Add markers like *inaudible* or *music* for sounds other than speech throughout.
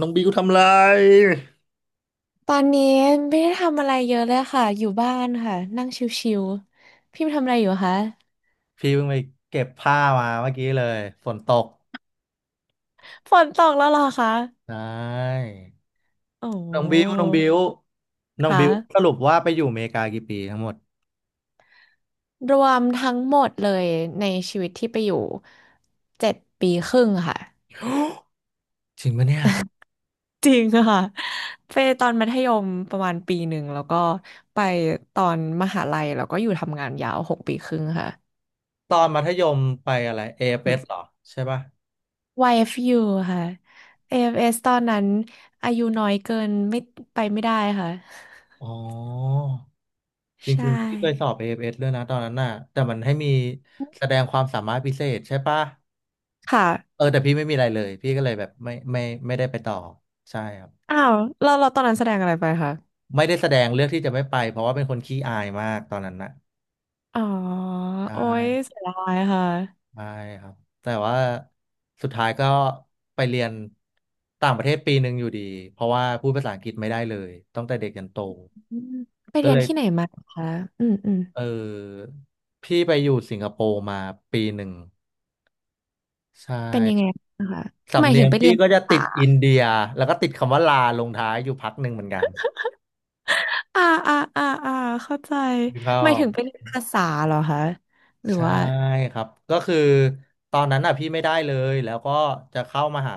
น้องบิวทำไร ตอนนี้ไม่ได้ทำอะไรเยอะเลยค่ะอยู่บ้านค่ะนั่งชิวๆพี่ทำอะไรอยู่คะ พี่เพิ่งไปเก็บผ้ามาเมื่อกี้เลยฝนตก *laughs* ฝนตกแล้วเหรอคะใช่โอน้องบิว้น้องบิค่ะวสรุปว่าไปอยู่อเมริกากี่ปีทั้งหมด รวมทั้งหมดเลยในชีวิตที่ไปอยู่เจ็ดปีครึ่งค่ะ *gasps* จริงปะเนี่ย จริงค่ะไปตอนมัธยมประมาณปีหนึ่งแล้วก็ไปตอนมหาลัยแล้วก็อยู่ทำงานยาวหกปีครึ่งค่ะ ตอนมัธยมไปอะไร AFS เอฟเอสเหรอ ใช่ป่ะ YFU ค่ะ AFS ตอนนั้นอายุน้อยเกินไม่ไปไม่ได้ค่ะ อ๋อจใชริงๆพี่เคยส่อบ AFS ด้วยนะตอนนั้นน่ะแต่มันให้มีแสดงความสามารถพิเศษใช่ป่ะค่ะเออแต่พี่ไม่มีอะไรเลยพี่ก็เลยแบบไม่ไม่ได้ไปต่อ ใช่ครับอ้าวเราตอนนั้นแสดงอะไรไปคะไม่ได้แสดงเลือกที่จะไม่ไปเพราะว่าเป็นคนขี้อายมากตอนนั้นน่ะ อ๋อใชโอ้ย่เสียดายค่ะใช่ครับแต่ว่าสุดท้ายก็ไปเรียนต่างประเทศปีหนึ่งอยู่ดี เพราะว่าพูดภาษาอังกฤษไม่ได้เลยตั้งแต่เด็กยันโต อืมไปก็เรียเลนยที่ไหนมาคะอืมอืมเออพี่ไปอยู่สิงคโปร์มาปีหนึ่งใช่เป็นยังคไงรับนะคะหสำมายเนีถึยงงไปเรีพี่ยนก็ภาจะติดษาอินเดีย แล้วก็ติดคำว่าลาลงท้ายอยู่พักหนึ่งเหมือนกันอ่าอ่าอ่าอ่าเข้าใจพี่เข้า หมายถึงไปเรียนภาษาเหรอคะหรือใช่ว่าครับก็คือตอนนั้นอ่ะพี่ไม่ได้เลยแล้วก็จะเข้ามหา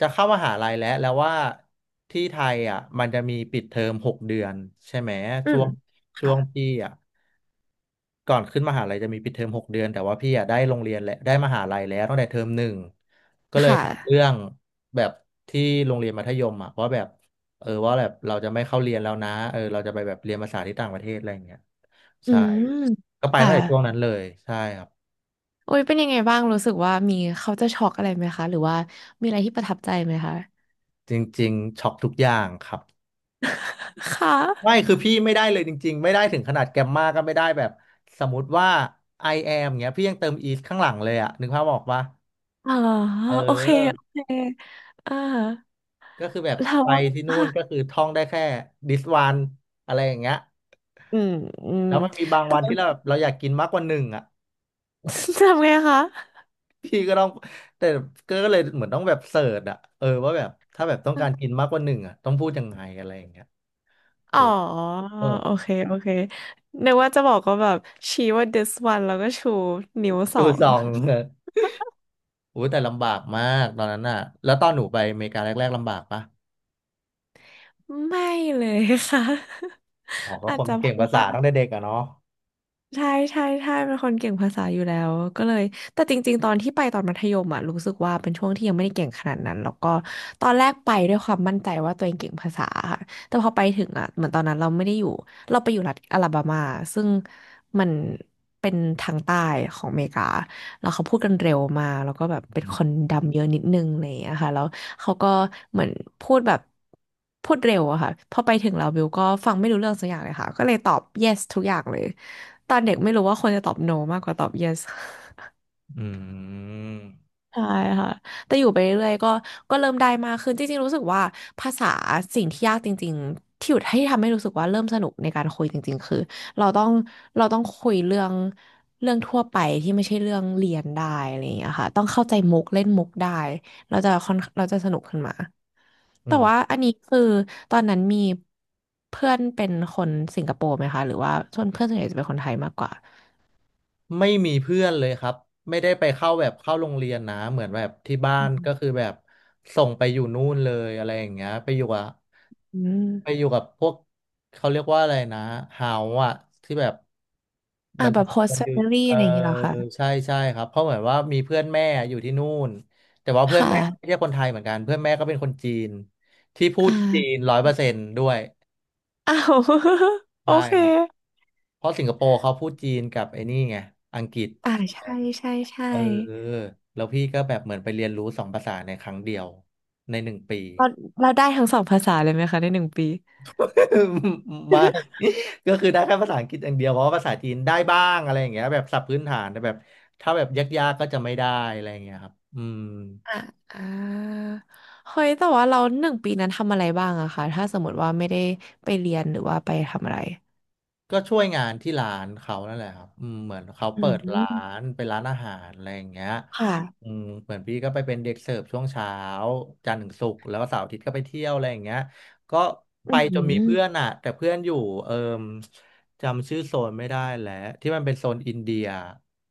จะเข้ามหาลัยแล้วแล้วว่าที่ไทยอ่ะมันจะมีปิดเทอมหกเดือนใช่ไหมอืช่วมงช่วงค่ะพี่อ่ะก่อนขึ้นมหาลัยจะมีปิดเทอมหกเดือนแต่ว่าพี่อ่ะได้โรงเรียนแล้วได้มหาลัยแล้วตั้งแต่เทอมหนึ่งก็เลยค่ะทำเรื่องแบบที่โรงเรียนมัธยมอ่ะว่าแบบเออว่าแบบเราจะไม่เข้าเรียนแล้วนะเออเราจะไปแบบเรียนภาษาที่ต่างประเทศอะไรอย่างเงี้ยอืใช่มก็ไปค่ะตั้งแต่ช่วงนั้นเลยใช่ครับ โอ้ยเป็นยังไงบ้างรู้สึกว่ามีเขาจะช็อกอะไรไหมคะหรือว่ามีอะไรที่ประทับใจไหมคะ จริงๆช็อกทุกอย่างครับ *laughs* คไม่่ะ คือพี่ไม่ได้เลยจริงๆไม่ได้ถึงขนาดแกมมาก็ไม่ได้แบบสมมติว่า I am เงี้ยพี่ยังเติม is ข้างหลังเลยอะนึกภาพออกปะอ๋อเอโอเคอ โอเคอ่าก็คือแบบเราไปว่าที่นู่อ่ะนก็คือท่องได้แค่ this one อะไรอย่างเงี้ยอืมอืม แล้วมันมีบางวันที่เราแบบเราอยากกินมากกว่าหนึ่งอะ *laughs* ทำไงคะพี่ก็ต้องแต่ก็เลยเหมือนต้องแบบเสิร์ชอะเออว่าแบบถ้าแบบต้องการกินมากกว่าหนึ่งอะต้องพูดยังไงอะไรอย่างเงี้ยเออ๋ออเออโอเคโอเคนึกว่าจะบอกก็แบบชี้ว่า this one แล้วก็ชูนิ้วสดูอซงอง *laughs* อุ้ยแต่ลำบากมากตอนนั้นน่ะแล้วตอนหนูไปอเมริกาแรกๆลำบากปะไม่เลยค่ะ อ๋อ *laughs* ก็อาคจนจะมันเพเก่งราะภาษาว่า ตั้งแต่เด็กอะเนาะใช่ใช่ใช่เป็นคนเก่งภาษาอยู่แล้วก็เลยแต่จริงๆตอนที่ไปตอนมัธยมอ่ะรู้สึกว่าเป็นช่วงที่ยังไม่ได้เก่งขนาดนั้นแล้วก็ตอนแรกไปด้วยความมั่นใจว่าตัวเองเก่งภาษาค่ะแต่พอไปถึงอ่ะเหมือนตอนนั้นเราไม่ได้อยู่เราไปอยู่รัฐอลาบามาซึ่งมันเป็นทางใต้ของอเมริกาแล้วเขาพูดกันเร็วมากแล้วก็แบบเป็นอืมคนดำเยอะนิดนึงอะไรอย่างเลยอะค่ะแล้วเขาก็เหมือนพูดแบบพูดเร็วอะค่ะพอไปถึงเราบิวก็ฟังไม่รู้เรื่องสักอย่างเลยค่ะก็เลยตอบ yes ทุกอย่างเลย ตอนเด็กไม่รู้ว่าควรจะตอบ no มากกว่าตอบ yes *laughs* อืมใช่ค่ะแต่อยู่ไปเรื่อยๆก็ก็เริ่มได้มากขึ้นจริงๆรู้สึกว่าภาษาสิ่งที่ยากจริงๆที่อยู่ให้ทำให้รู้สึกว่าเริ่มสนุกในการคุยจริงๆคือเราต้องเราต้องคุยเรื่องทั่วไปที่ไม่ใช่เรื่องเรียนได้อะไรอย่างเงี้ยค่ะต้องเข้าใจมุกเล่นมุกได้เราจะค่อนเราจะสนุกขึ้นมาอืแต่ว่ามอันนี้คือตอนนั้นมีเพื่อนเป็นคนสิงคโปร์ไหมคะหรือว่าส่วนเพื่อนส่วนใหญ่จะเป็นคนไทยมากกว่าไม่มีเพื่อนเลยครับไม่ได้ไปเข้าแบบเข้าโรงเรียนนะเหมือนแบบที่บ้านก็คือแบบส่งไปอยู่นู่นเลยอะไรอย่างเงี้ยอืไปอม ยู่กับพวกเขาเรียกว่าอะไรนะเฮาอะที่แบบ อ่าแบบ วั host นหยุด family เออะอไรอย่างงี้เหรอคะใช่ใช่ครับเพราะเหมือนว่ามีเพื่อนแม่อยู่ที่นู่นแต่ว่าคเพื่อนแม่ไม่่ะ ใช่คนไทยเหมือนกันเพื่อนแม่ก็เป็นคนจีนที่พูอดจีน่าร้อยเปอร์เซนต์ด้วยอ้าว *laughs* โอใช่เค ครับเพราะสิงคโปร์เขาพูดจีนกับไอ้นี่ไงอังกฤษอ่าใช่ใช่ใช่เออแล้วพี่ก็แบบเหมือนไปเรียนรู้สองภาษาในครั้งเดียวในหนึ่งปี เราเราได้ทั้งสองภาษาเลยไหมคะในหนึ่งปี *laughs* ไม่ก็คือได้แค่ภาษาอังกฤษอย่างเดียวเพราะว่าภาษาจีนได้บ้างอะไรอย่างเงี้ยแบบศัพท์พื้นฐานแต่แบบถ้าแบบยากๆก็จะไม่ได้อะไรอย่างเงี้ยครับอืม อ่าอ่าเฮ้ยแต่ว่าเราหนึ่งปีนั้นทำอะไรบ้างอะคะถ้าสมมติว่าไม่ได้ไปเรียนหรือว่าไปทำอะไร ก็ช่วยงานที่ร้านเขานั่นแหละครับอืมเหมือนเขาอืเปิดร้าม นเป็นร้านอาหารอะไรอย่างเงี้ยค่ะ อืมเหมือนพี่ก็ไปเป็นเด็กเสิร์ฟช่วงเช้าจันทร์ถึงศุกร์แล้วก็เสาร์อาทิตย์ก็ไปเที่ยวอะไรอย่างเงี้ยก็ไปอืจนมีเพื่อนม อ่ะแต่เพื่อนอยู่เอิ่มจำชื่อโซนไม่ได้แล้วที่มันเป็นโซนอินเดีย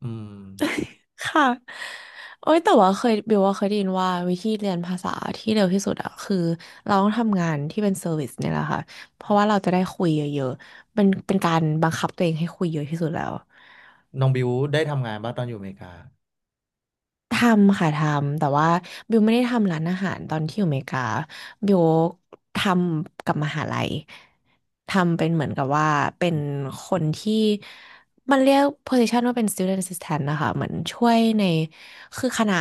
อืมค่ะโอ้ย แต่ว่าเคยบิวว่าเคยได้ยินว่าวิธีเรียนภาษาที่เร็วที่สุดอะคือเราต้องทำงานที่เป็นเซอร์วิสเนี่ยแหละค่ะ เพราะว่าเราจะได้คุยเยอะๆเป็นการบังคับตัวเองให้คุยเยอะที่สุดแล้ว น้องบิวได้ทำงานบ้างตอนอยู่อเมริกาทำค่ะทำแต่ว่าบิวไม่ได้ทำร้านอาหารตอนที่อยู่อเมริกาบิวทำกับมหาลัยทำเป็นเหมือนกับว่าเป็นคนที่มันเรียก position ว่าเป็น student assistant นะคะเหมือนช่วยในคือคณะ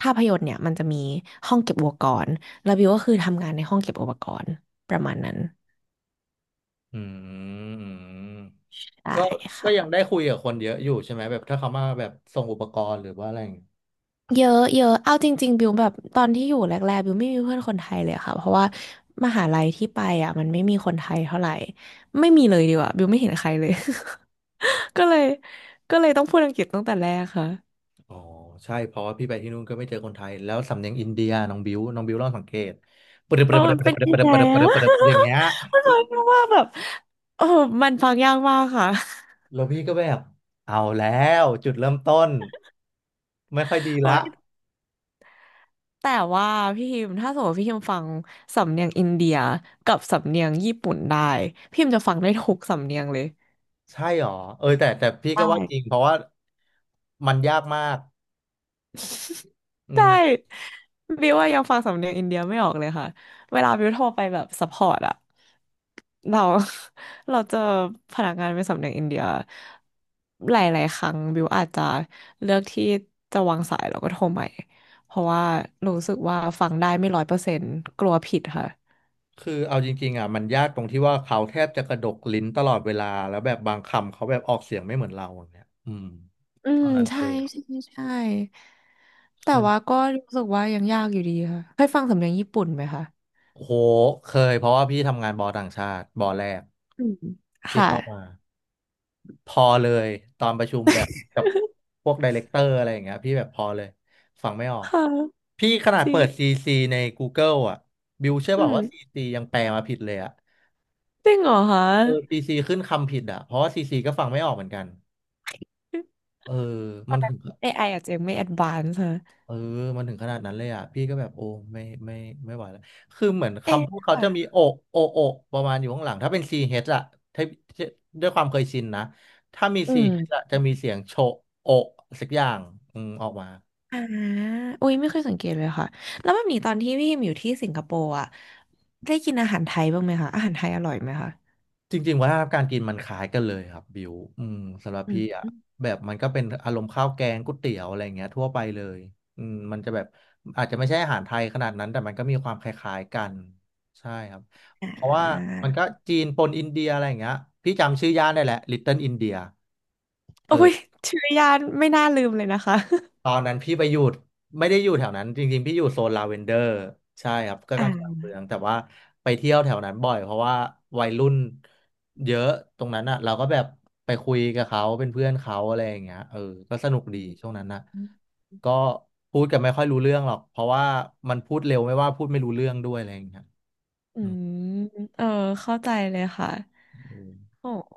ภาพยนตร์เนี่ยมันจะมีห้องเก็บอุปกรณ์แล้วบิวก็คือทำงานในห้องเก็บอุปกรณ์ประมาณนั้นอืมได้ก็ก็ยังค่ะ ได้คุยกับคนเยอะอยู่ใช่ไหมแบบถ้าเขามาแบบส่งอุปกรณ์หรือว่าอะไรอย่าง เยอะเยอะเอาจริงๆ บิวแบบตอนที่อยู่แรกๆบิวไม่มีเพื่อนคนไทยเลยค่ะเพราะว่ามหาลัยที่ไปอ่ะมันไม่มีคนไทยเท่าไหร่ไม่มีเลยดีกว่าบิวไม่เห็นใครเลย *laughs* ก็เลยก็เลยต้องพูดอังกฤษตั้งแต่แรกค่ะอ๋อใช่เพราะว่าพี่ไปที่นู่นก็ไม่เจอคนไทยแล้วสำเนียงอินเดียน้องบิวลองสังเกตปรึบปเอรึอบปรึมับนปรึเป็บนปรึบปยังรึบไงปรึบปอะ รึบปรึบอย่างเงี้ย *laughs* มันฟังยากมาแบบเออมันฟังยากมากค่ะ แล้วพี่ก็แบบเอาแล้วจุดเริ่มต้นไม่ค่อยดี *laughs* โอ้ละยแต่ว่าพี่ฮิมถ้าสมมติว่าพี่ฮิมฟังสำเนียงอินเดียกับสำเนียงญี่ปุ่นได้พี่ฮิมจะฟังได้ทุกสำเนียงเลยใช่หรอเออแต่พี่ก็ว่าจริงใช่ เพราะว่ามันยากมากอืใช่มบิวว่ายังฟังสำเนียงอินเดียไม่ออกเลยค่ะเวลาบิวโทรไปแบบซัพพอร์ตอะเรา *laughs* เราเจอพนักงานเป็นสำเนียงอินเดียหลายๆครั้งบิวอาจจะเลือกที่จะวางสายแล้วก็โทรใหม่เพราะว่ารู้สึกว่าฟังได้ไม่ร้อยเปอร์เซ็นต์กลัวผิดค่ะคือเอาจริงๆอ่ะมันยากตรงที่ว่าเขาแทบจะกระดกลิ้นตลอดเวลาแล้วแบบบางคำเขาแบบออกเสียงไม่เหมือนเราอย่างเงี้ยอืมอืเท่ามนั้นเลใช่ย ใช่ใช่แต่ว่าก็รู้สึกว่ายังยากอยู่ดีค่ะเคยฟังสำเนียงญี่ปุ่นไหมคะโอ้โหเคยเพราะว่าพี่ทำงานบอต่างชาติบอแรกอืมที่ค่ะเข้ามาพอเลยตอนประชุมแบบกับพวกไดเรคเตอร์อะไรอย่างเงี้ยพี่แบบพอเลยฟังไม่ออกค่ะพี่ขนาดจริเปิด ง CC ใน Google อ่ะบิวเชื่อเปอืล่าม ว่า CC ยังแปลมาผิดเลยอ่ะจริงเหรอคะ เออ CC ขึ้น AI คำผิดอ่ะเพราะว่า CC ก็ฟังไม่ออกเหมือนกันเออมัน อไออาจจะยังไม่แอด v านซ e d ฮะเออ มันถึงขนาดนั้นเลยอ่ะพี่ก็แบบโอ้ไม่ไม่ไหวแล้วคือเหมือนเอ๊ะคำพูดเขาจะมีค่ะโอะโอะโอะประมาณอยู่ข้างหลัง ถ้าเป็น c เอ่ะถ้าถ้าด้วยความเคยชินนะ ถ้ามี อื CH อชมอะจะมีเสียงโชะโอะสักอย่างอืมออกมา อ่าอุ้ยไม่เคยสังเกตเลยค่ะแล้วแบบนี้ตอนที่พี่พิมอยู่ที่สิงคโปร์อะได้กินอาหารไทยบ้างไหมคะอาหารไทยอร่อยไหมคะจริงๆวัฒนธรรมการกินมันคล้ายกันเลยครับบิวอืมสำหรับอืพี่อ่ะมแบบมันก็เป็นอารมณ์ข้าวแกงก๋วยเตี๋ยวอะไรอย่างเงี้ยทั่วไปเลยอืมมันจะแบบอาจจะไม่ใช่อาหารไทยขนาดนั้นแต่มันก็มีความคล้ายๆกันใช่ครับอ่เพราะว่าามันก็จีนปนอินเดียอะไรอย่างเงี้ยพี่จำชื่อย่านได้แหละ Little India เติ้ลอนเดียเอโอ้อ ยชื่อยานไม่น่าลืมเลยนะคะตอนนั้นพี่ไปอยู่ไม่ได้อยู่แถวนั้นจริงๆพี่อยู่โซนลาเวนเดอร์ใช่ครับก็กอ่าลางๆเมืองแต่ว่าไปเที่ยวแถวนั้นบ่อยเพราะว่าวัยรุ่นเยอะตรงนั้นอ่ะเราก็แบบไปคุยกับเขาเป็นเพื่อนเขาอะไรอย่างเงี้ยเออก็สนุกอืดีมช่วงนั้นนะก็พูดกันไม่ค่อยรู้เรื่องหรอกเพราะว่ามันพูดเร็วไม่ว่าพูดไม่รู้เรื่องด้วยอะไรอย่างเงี้ยอือืมมเออเข้าใจเลยค่ะอืมโอ้โห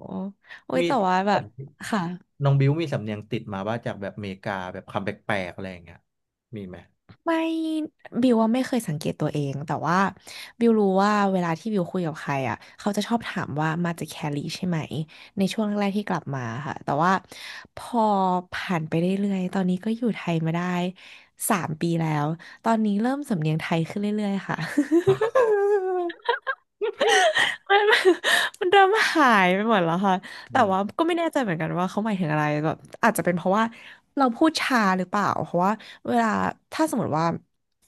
โอ้ยมีแต่ว่าแบบสำเนียงค่ะ น้องบิวมีสำเนียงติดมาว่าจากแบบอเมริกาแบบคำแปลกๆอะไรอย่างเงี้ยมีไหม ไม่บิวว่าไม่เคยสังเกตตัวเองแต่ว่าบิวรู้ว่าเวลาที่บิวคุยกับใครอ่ะเขาจะชอบถามว่ามาจากแคลิใช่ไหมในช่วงแรกๆที่กลับมาค่ะแต่ว่าพอผ่านไปเรื่อยๆตอนนี้ก็อยู่ไทยมาได้3 ปีแล้วตอนนี้เริ่มสำเนียงไทยขึ้นเรื่อยๆค่ะ *laughs* มัน *laughs* มันเริ่มหายไปหมดแล้วค่ะอืแต่มว่าก็ไม่แน่ใจเหมือนกันว่าเขาหมายถึงอะไรแบบอาจจะเป็นเพราะว่าเราพูดช้าหรือเปล่าเพราะว่าเวลาถ้าสมมติว่า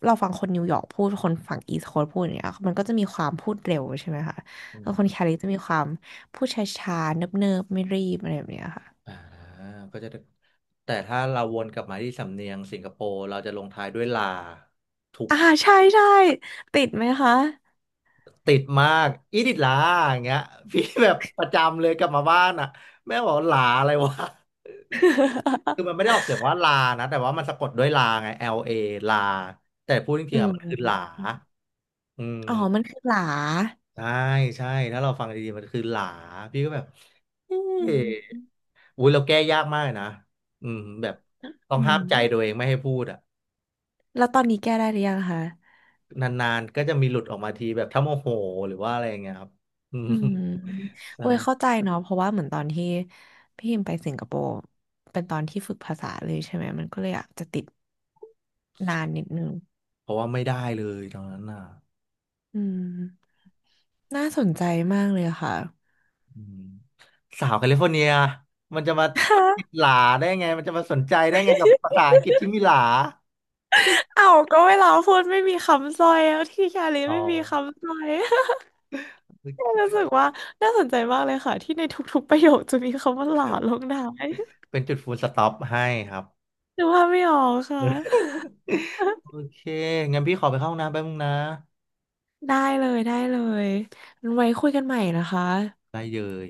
เราฟังคนนิวยอร์กพูดคนฝั่งอีสต์โคสต์พูดอย่างเงี้ยมันก็จะมีความพูดเร็วใช่ไหมคะอืแล้ม วคนแคลิฟจะมีความพูดช้าๆเนิบๆไม่รีบอะไรแบบเนี้ยค่ะอ่าก็จะได้แต่ถ้าเราวนกลับมาที่สำเนียงสิงคโปร์เราจะลงท้ายด้วยลาถูกอ่าใช่ใช่ติดไหมคะ ติดมากอีดิดลาอย่างเงี้ย *laughs* พี่แบบประจำเลยกลับมาบ้านอ่ะแม่บอกลาอะไรวะ *laughs* คือมันไม่ *laughs* ได้ออกเสียงว่าลานะแต่ว่ามันสะกดด้วยลาไง L A ลเอลาแต่พูดจอืริงๆอะมมันคือหลาอือ๋อมันมคือหลาใช่ใช่ถ้าเราฟังดีๆมันคือหลาพี่ก็แบบเอ๊ะอืมอุ้ยเราแก้ยากมากเลยนะอืมแบบต้องอืห้ามมใจตัวเองไม่ให้พูดอ่ะ แล้วตอนนี้แก้ได้หรือยังคะ นานๆก็จะมีหลุดออกมาทีแบบถ้าโมโหหรือว่าอะไรอย่างเงี้ยครับ *laughs* อืมอืมใช่โอ้ยเข้าใจเนาะเพราะว่าเหมือนตอนที่พี่พิมไปสิงคโปร์เป็นตอนที่ฝึกภาษาเลยใช่ไหมมันก็เลยอาจจะติดนานนิดนึงเพราะว่าไม่ได้เลยตอนนั้นน่ะอืมน่าสนใจมากเลยค่ะ อืมสาวแคลิฟอร์เนียมันจะมา *laughs* ฮะติดหลาได้ไงมันจะมาสนใจได้ไงกับภาษาอังกฤษที่มีหลาเอ้าก็เวลาพูดไม่มีคำสร้อยแลที่ชาลีอ๋อไม่มีคำสร้อย *laughs* โอรู้สึเคกว่าน่าสนใจมากเลยค่ะที่ในทุกๆประโยคจะมีคำว่าหลาลงท้ายเป็นจุดฟูลสต็อปให้ครับหรือว่าไม่ออกค่ะ โอ *laughs* เคงั้นพี่ขอไปเข้าห้องน้ำแป๊บนึงนะได้เลยได้เลยงั้นไว้คุยกันใหม่นะคะได้เลย